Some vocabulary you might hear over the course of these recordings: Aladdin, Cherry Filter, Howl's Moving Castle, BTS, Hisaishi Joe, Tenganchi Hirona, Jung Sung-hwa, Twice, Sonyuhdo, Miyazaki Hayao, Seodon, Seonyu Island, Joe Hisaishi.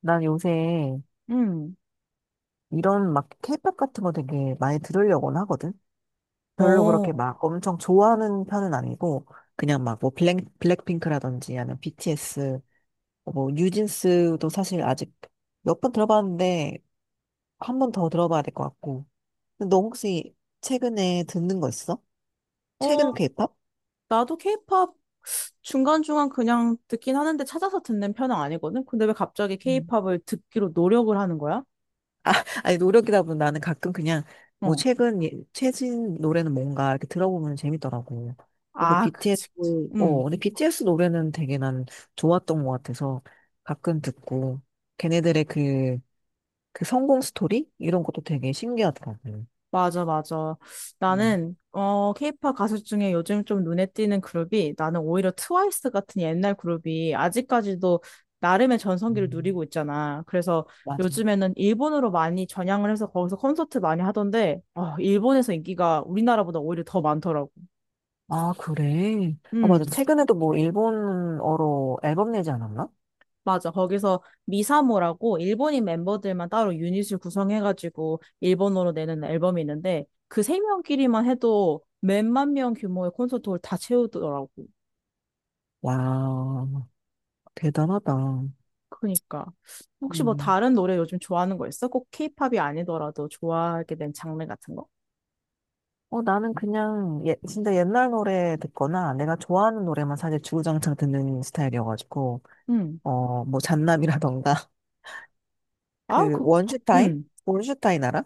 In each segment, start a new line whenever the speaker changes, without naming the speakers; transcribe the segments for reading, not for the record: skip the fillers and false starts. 난 요새
음.
이런 막 케이팝 같은 거 되게 많이 들으려고는 하거든? 별로 그렇게
어.
막 엄청 좋아하는 편은 아니고, 그냥 막 뭐 블랙, 블랙핑크라든지 아니면 BTS, 뭐 뉴진스도 사실 아직 몇 번 들어봤는데, 한 번 더 들어봐야 될 것 같고. 근데 너 혹시 최근에 듣는 거 있어?
어,
최근 케이팝?
나도 케이팝 중간중간 그냥 듣긴 하는데 찾아서 듣는 편은 아니거든? 근데 왜 갑자기 케이팝을 듣기로 노력을 하는 거야?
아, 아니, 노력이다 보면 나는 가끔 그냥, 뭐,
어.
최근, 최신 노래는 뭔가 이렇게 들어보면 재밌더라고. 그리고
아,
BTS,
그치, 그치.
어,
음.
근데 BTS 노래는 되게 난 좋았던 것 같아서 가끔 듣고, 걔네들의 그, 그 성공 스토리? 이런 것도 되게 신기하더라고.
맞아, 맞아.
음,
나는, 케이팝 가수 중에 요즘 좀 눈에 띄는 그룹이 나는 오히려 트와이스 같은 옛날 그룹이 아직까지도 나름의 전성기를
음,
누리고 있잖아. 그래서
맞아.
요즘에는 일본으로 많이 전향을 해서 거기서 콘서트 많이 하던데, 일본에서 인기가 우리나라보다 오히려 더 많더라고.
아, 그래. 아, 맞아.
음,
최근에도 뭐, 일본어로 앨범 내지 않았나?
맞아. 거기서 미사모라고 일본인 멤버들만 따로 유닛을 구성해가지고 일본어로 내는 앨범이 있는데 그 세 명끼리만 해도 몇만 명 규모의 콘서트홀 다 채우더라고.
와, 대단하다.
그러니까 혹시 뭐
음.
다른 노래 요즘 좋아하는 거 있어? 꼭 케이팝이 아니더라도 좋아하게 된 장르 같은 거?
어, 나는 그냥 예, 진짜 옛날 노래 듣거나 내가 좋아하는 노래만 사실 주구장창 듣는 스타일이어가지고
음.
어, 뭐 잔남이라던가
아,
그
그,
원슈타인?
음.
원슈타인 알아?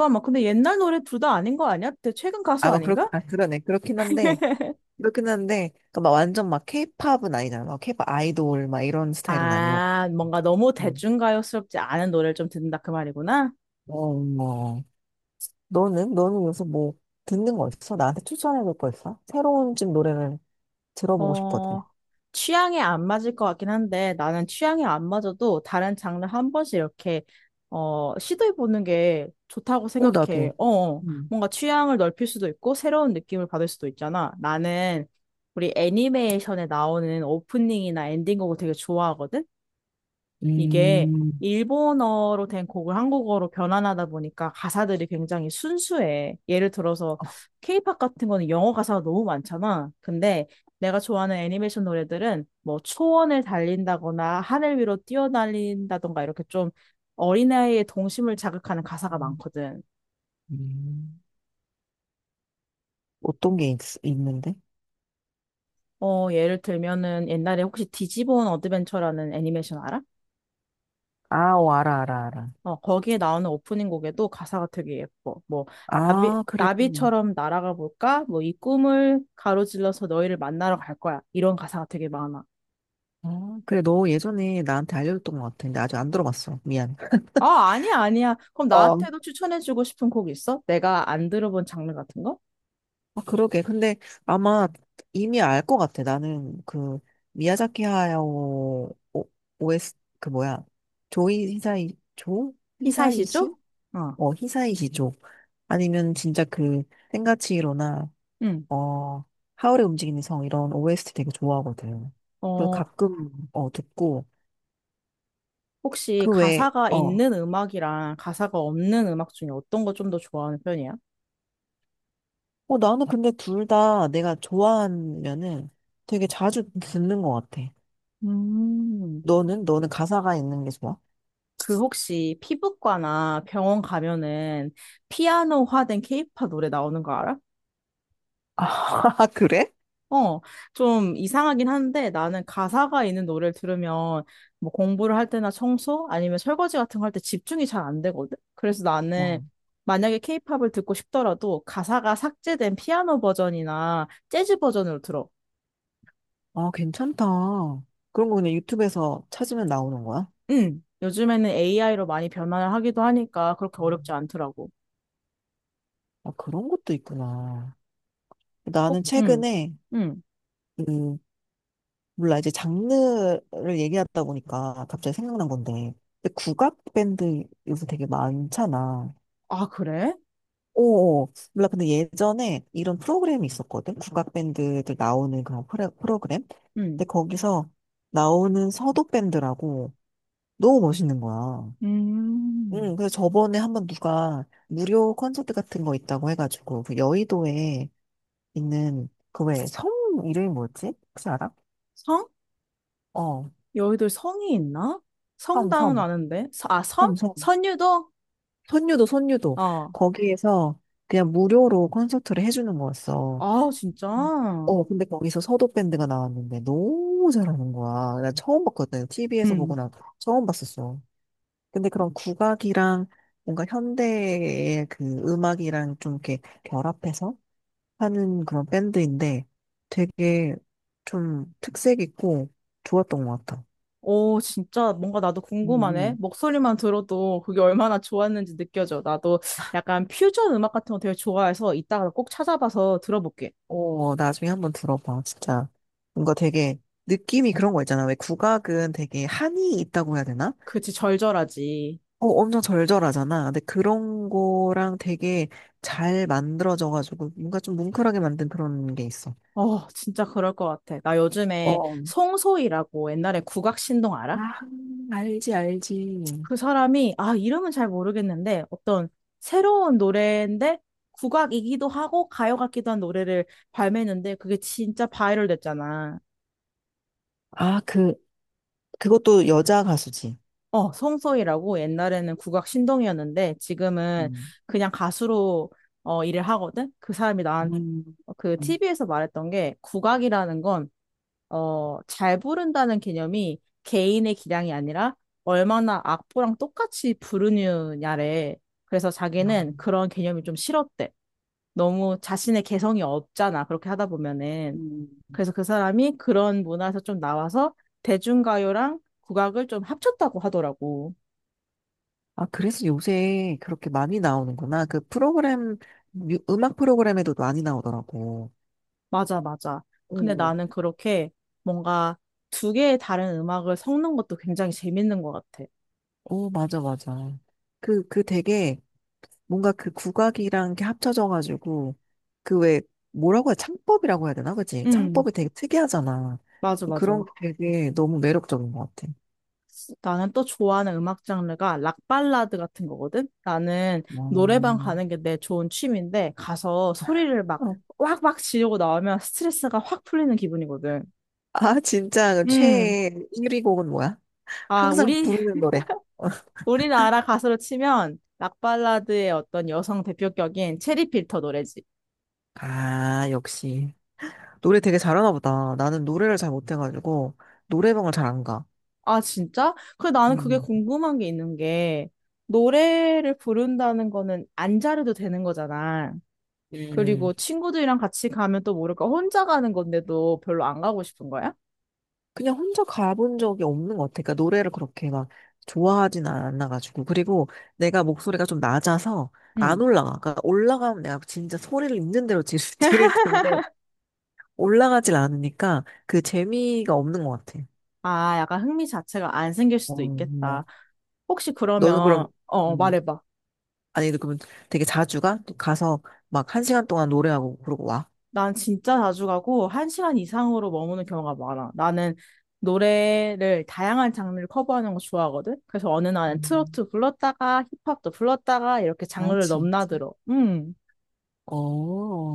잠깐만. 근데 옛날 노래 둘 다 아닌 거 아니야? 최근 가수
아마 그렇
아닌가?
아 그러네 그렇긴 한데 그막 완전 막 케이팝은 아니잖아. 막 케이팝 아이돌 막 이런 스타일은 아니었고.
아, 뭔가 너무
음.
대중가요스럽지 않은 노래를 좀 듣는다 그 말이구나.
어, 뭐 너는 요새 뭐 듣는 거 있어? 나한테 추천해줄 거 있어? 새로운 집 노래를 들어보고 싶거든.
어, 취향에 안 맞을 것 같긴 한데 나는 취향에 안 맞아도 다른 장르 한 번씩 이렇게 시도해보는 게 좋다고
어
생각해.
나도.
어, 어.
음.
뭔가 취향을 넓힐 수도 있고 새로운 느낌을 받을 수도 있잖아. 나는 우리 애니메이션에 나오는 오프닝이나 엔딩곡을 되게 좋아하거든. 이게
음.
일본어로 된 곡을 한국어로 변환하다 보니까 가사들이 굉장히 순수해. 예를 들어서 케이팝 같은 거는 영어 가사가 너무 많잖아. 근데 내가 좋아하는 애니메이션 노래들은 뭐 초원을 달린다거나 하늘 위로 뛰어날린다던가 이렇게 좀 어린아이의 동심을 자극하는 가사가 많거든.
음, 어떤 게 있는데?
어, 예를 들면은 옛날에 혹시 디지몬 어드벤처라는 애니메이션 알아?
아, 오, 알아, 알아, 알아.
어, 거기에 나오는 오프닝 곡에도 가사가 되게 예뻐. 뭐, 나비,
아, 그래.
나비처럼 날아가 볼까? 뭐, 이 꿈을 가로질러서 너희를 만나러 갈 거야. 이런 가사가 되게 많아.
아, 그래. 너 예전에 나한테 알려줬던 것 같아. 근데 아직 안 들어봤어. 미안.
아, 아니야, 아니야. 그럼
어.
나한테도 추천해주고 싶은 곡 있어? 내가 안 들어본 장르 같은 거?
아, 그러게. 근데 아마 이미 알 것 같아. 나는 그 미야자키 하야오 오- 에스 그 뭐야? 조이 히사이 조 히사이시?
히사이시죠? 어,
어, 히사이시 조. 아니면 진짜 그 텐가치히로나
응.
어, 하울의 움직이는 성 이런 OST 되게 좋아하거든. 그래서
어,
가끔 어 듣고
혹시
그 외에
가사가
어,
있는 음악이랑 가사가 없는 음악 중에 어떤 거 좀 더 좋아하는 편이야?
어 나는 근데 둘 다 내가 좋아하면은 되게 자주 듣는 것 같아.
음.
너는 가사가 있는 게 좋아?
그 혹시 피부과나 병원 가면은 피아노화된 케이팝 노래 나오는 거 알아?
아, 그래?
어, 좀 이상하긴 한데 나는 가사가 있는 노래를 들으면 뭐 공부를 할 때나 청소 아니면 설거지 같은 거 할 때 집중이 잘 안 되거든? 그래서 나는
어.
만약에 케이팝을 듣고 싶더라도 가사가 삭제된 피아노 버전이나 재즈 버전으로 들어.
아, 괜찮다. 그런 거 그냥 유튜브에서 찾으면 나오는 거야?
응. 요즘에는 AI로 많이 변화를 하기도 하니까 그렇게 어렵지 않더라고.
아, 그런 것도 있구나.
꼭,
나는
응,
최근에
응.
그 몰라, 이제 장르를 얘기하다 보니까 갑자기 생각난 건데. 근데 국악 밴드 요새 되게 많잖아.
아, 그래?
오, 몰라. 근데 예전에 이런 프로그램이 있었거든. 국악 밴드들 나오는 그런 프로그램.
응.
근데 거기서 나오는 서도 밴드라고 너무 멋있는 거야. 응,
음,
그래서 저번에 한번 누가 무료 콘서트 같은 거 있다고 해가지고 그 여의도에 있는 그 왜 섬 이름이 뭐였지? 혹시 알아?
성?
어,
여의도에 성이 있나?
섬,
성당은
섬,
아는데. 아, 섬?
섬, 섬.
선유도?
선유도, 선유도.
어.
거기에서 그냥 무료로 콘서트를 해주는 거였어.
아, 진짜?
어, 근데 거기서 서도 밴드가 나왔는데 너무 잘하는 거야. 나 처음 봤거든. TV에서 보고
음.
나 처음 봤었어. 근데 그런 국악이랑 뭔가 현대의 그 음악이랑 좀 이렇게 결합해서 하는 그런 밴드인데 되게 좀 특색 있고 좋았던 것 같아.
오, 진짜 뭔가 나도
음,
궁금하네.
음.
목소리만 들어도 그게 얼마나 좋았는지 느껴져. 나도 약간 퓨전 음악 같은 거 되게 좋아해서 이따가 꼭 찾아봐서 들어볼게.
오, 나중에 한 번 들어봐, 진짜. 뭔가 되게, 느낌이 그런 거 있잖아. 왜 국악은 되게 한이 있다고 해야 되나?
그치, 절절하지.
어, 엄청 절절하잖아. 근데 그런 거랑 되게 잘 만들어져가지고, 뭔가 좀 뭉클하게 만든 그런 게 있어.
어, 진짜 그럴 것 같아. 나 요즘에
어,
송소희라고 옛날에 국악 신동 알아?
아, 알지, 알지.
그 사람이, 아, 이름은 잘 모르겠는데, 어떤 새로운 노래인데, 국악이기도 하고, 가요 같기도 한 노래를 발매했는데, 그게 진짜 바이럴 됐잖아.
아, 그, 그것도 여자 가수지.
어, 송소희라고 옛날에는 국악 신동이었는데, 지금은
음,
그냥 가수로, 일을 하거든? 그 사람이
음,
그
음.
TV에서 말했던 게, 국악이라는 건, 잘 부른다는 개념이 개인의 기량이 아니라, 얼마나 악보랑 똑같이 부르느냐래. 그래서 자기는
아,
그런 개념이 좀 싫었대. 너무 자신의 개성이 없잖아. 그렇게 하다 보면은.
음.
그래서 그 사람이 그런 문화에서 좀 나와서 대중가요랑 국악을 좀 합쳤다고 하더라고.
아, 그래서 요새 그렇게 많이 나오는구나. 그 프로그램, 음악 프로그램에도 많이 나오더라고.
맞아, 맞아. 근데
음.
나는 그렇게 뭔가 두 개의 다른 음악을 섞는 것도 굉장히 재밌는 것 같아.
오, 맞아, 맞아. 그, 그 되게 뭔가 그 국악이랑 게 합쳐져가지고 그 왜 뭐라고 해야 창법이라고 해야 되나? 그치?
음,
창법이 되게 특이하잖아.
맞아, 맞아.
그런 게 되게 너무 매력적인 것 같아.
나는 또 좋아하는 음악 장르가 락 발라드 같은 거거든. 나는 노래방
음,
가는 게 내 좋은 취미인데 가서 소리를 막
어.
왁왁 지르고 나오면 스트레스가 확 풀리는 기분이거든.
아, 진짜 그
음.
최애 1위 곡은 뭐야?
아,
항상
우리,
부르는 노래.
우리나라 가수로 치면 락발라드의 어떤 여성 대표격인 체리 필터 노래지.
아, 역시. 노래 되게 잘하나 보다. 나는 노래를 잘 못해가지고 노래방을 잘 안 가.
아, 진짜? 그 나는 그게
음,
궁금한 게 있는 게, 노래를 부른다는 거는 안 잘해도 되는 거잖아.
음.
그리고 친구들이랑 같이 가면 또 모를까 혼자 가는 건데도 별로 안 가고 싶은 거야?
그냥 혼자 가본 적이 없는 것 같아. 그러니까 노래를 그렇게 막 좋아하진 않아가지고. 그리고 내가 목소리가 좀 낮아서 안
응.
올라가. 그러니까 올라가면 내가 진짜 소리를 있는 대로 지- 지를 텐데 올라가질 않으니까 그 재미가 없는 것 같아.
아, 약간 흥미 자체가 안 생길
어,
수도 있겠다.
뭐.
혹시
너는
그러면,
그럼, 음,
말해봐.
아니, 그러면 되게 자주 가? 가서 막 1시간 동안 노래하고 그러고 와?
난 진짜 자주 가고 한 시간 이상으로 머무는 경우가 많아. 나는 노래를 다양한 장르를 커버하는 거 좋아하거든. 그래서 어느 날은
음,
트로트 불렀다가 힙합도 불렀다가 이렇게
아,
장르를
진짜.
넘나들어. 음.
어,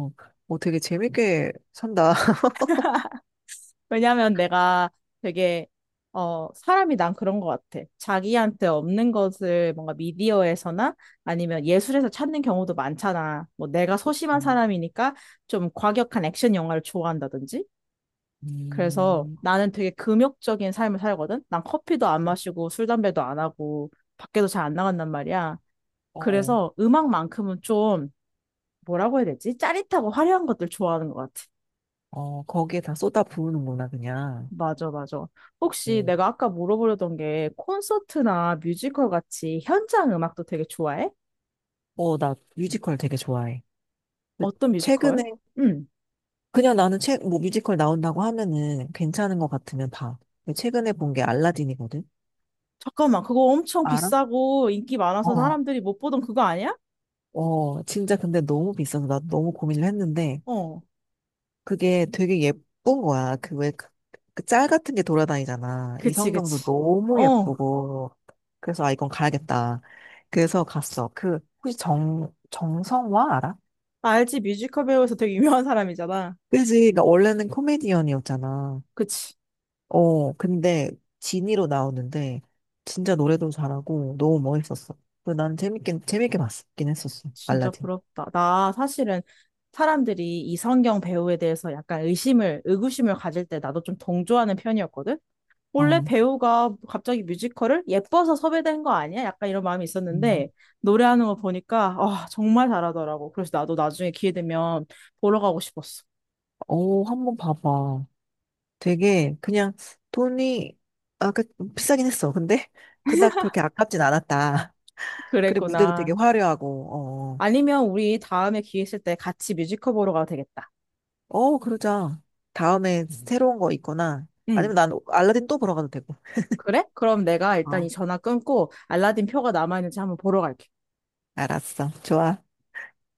어, 되게 재밌게 산다.
왜냐면 내가 되게 사람이 난 그런 것 같아. 자기한테 없는 것을 뭔가 미디어에서나 아니면 예술에서 찾는 경우도 많잖아. 뭐 내가
그치.
소심한 사람이니까 좀 과격한 액션 영화를 좋아한다든지. 그래서
음,
나는 되게 금욕적인 삶을 살거든? 난 커피도 안 마시고 술, 담배도 안 하고 밖에도 잘 안 나간단 말이야.
어.
그래서 음악만큼은 좀 뭐라고 해야 되지? 짜릿하고 화려한 것들 좋아하는 것 같아.
어, 거기에 다 쏟아 부으는구나, 그냥.
맞아, 맞아. 혹시
네.
내가 아까 물어보려던 게 콘서트나 뮤지컬 같이 현장 음악도 되게 좋아해?
어, 나 뮤지컬 되게 좋아해. 그
어떤
최근에,
뮤지컬? 응.
그냥 나는 책, 뭐 뮤지컬 나온다고 하면은 괜찮은 것 같으면 봐. 근데 최근에 본 게 알라딘이거든?
잠깐만, 그거 엄청
알아?
비싸고 인기 많아서
어,
사람들이 못 보던 그거 아니야?
어, 진짜 근데 너무 비싸서 나 너무 고민을 했는데
어.
그게 되게 예쁜 거야. 그 왜, 그, 그짤 같은 게 돌아다니잖아. 이
그치,
성경도
그치.
너무
어.
예쁘고. 그래서 아, 이건 가야겠다. 그래서 갔어. 그, 혹시 정성화 알아?
알지, 뮤지컬 배우에서 되게 유명한 사람이잖아.
그지? 그러니까 원래는 코미디언이었잖아.
그치.
어, 근데 진이로 나오는데 진짜 노래도 잘하고 너무 멋있었어. 그래서 난 재밌게 재밌게 봤긴 했었어.
진짜
알라딘.
부럽다. 나 사실은 사람들이 이성경 배우에 대해서 약간 의심을, 의구심을 가질 때 나도 좀 동조하는 편이었거든? 원래
어,
배우가 갑자기 뮤지컬을 예뻐서 섭외된 거 아니야? 약간 이런 마음이 있었는데
음.
노래하는 거 보니까 아, 정말 잘하더라고. 그래서 나도 나중에 기회 되면 보러 가고 싶었어.
어, 한번 봐봐. 되게 그냥 돈이 아, 그 비싸긴 했어. 근데 그닥 그렇게 아깝진 않았다. 그래 무대도 되게
그랬구나.
화려하고
아니면 우리 다음에 기회 있을 때 같이 뮤지컬 보러 가도 되겠다.
어, 어, 어, 그러자. 다음에 새로운 거 있거나
응.
아니면 난 알라딘 또 보러 가도 되고.
그래? 그럼 내가 일단 이
어,
전화 끊고 알라딘 표가 남아있는지 한번 보러 갈게.
알았어. 좋아.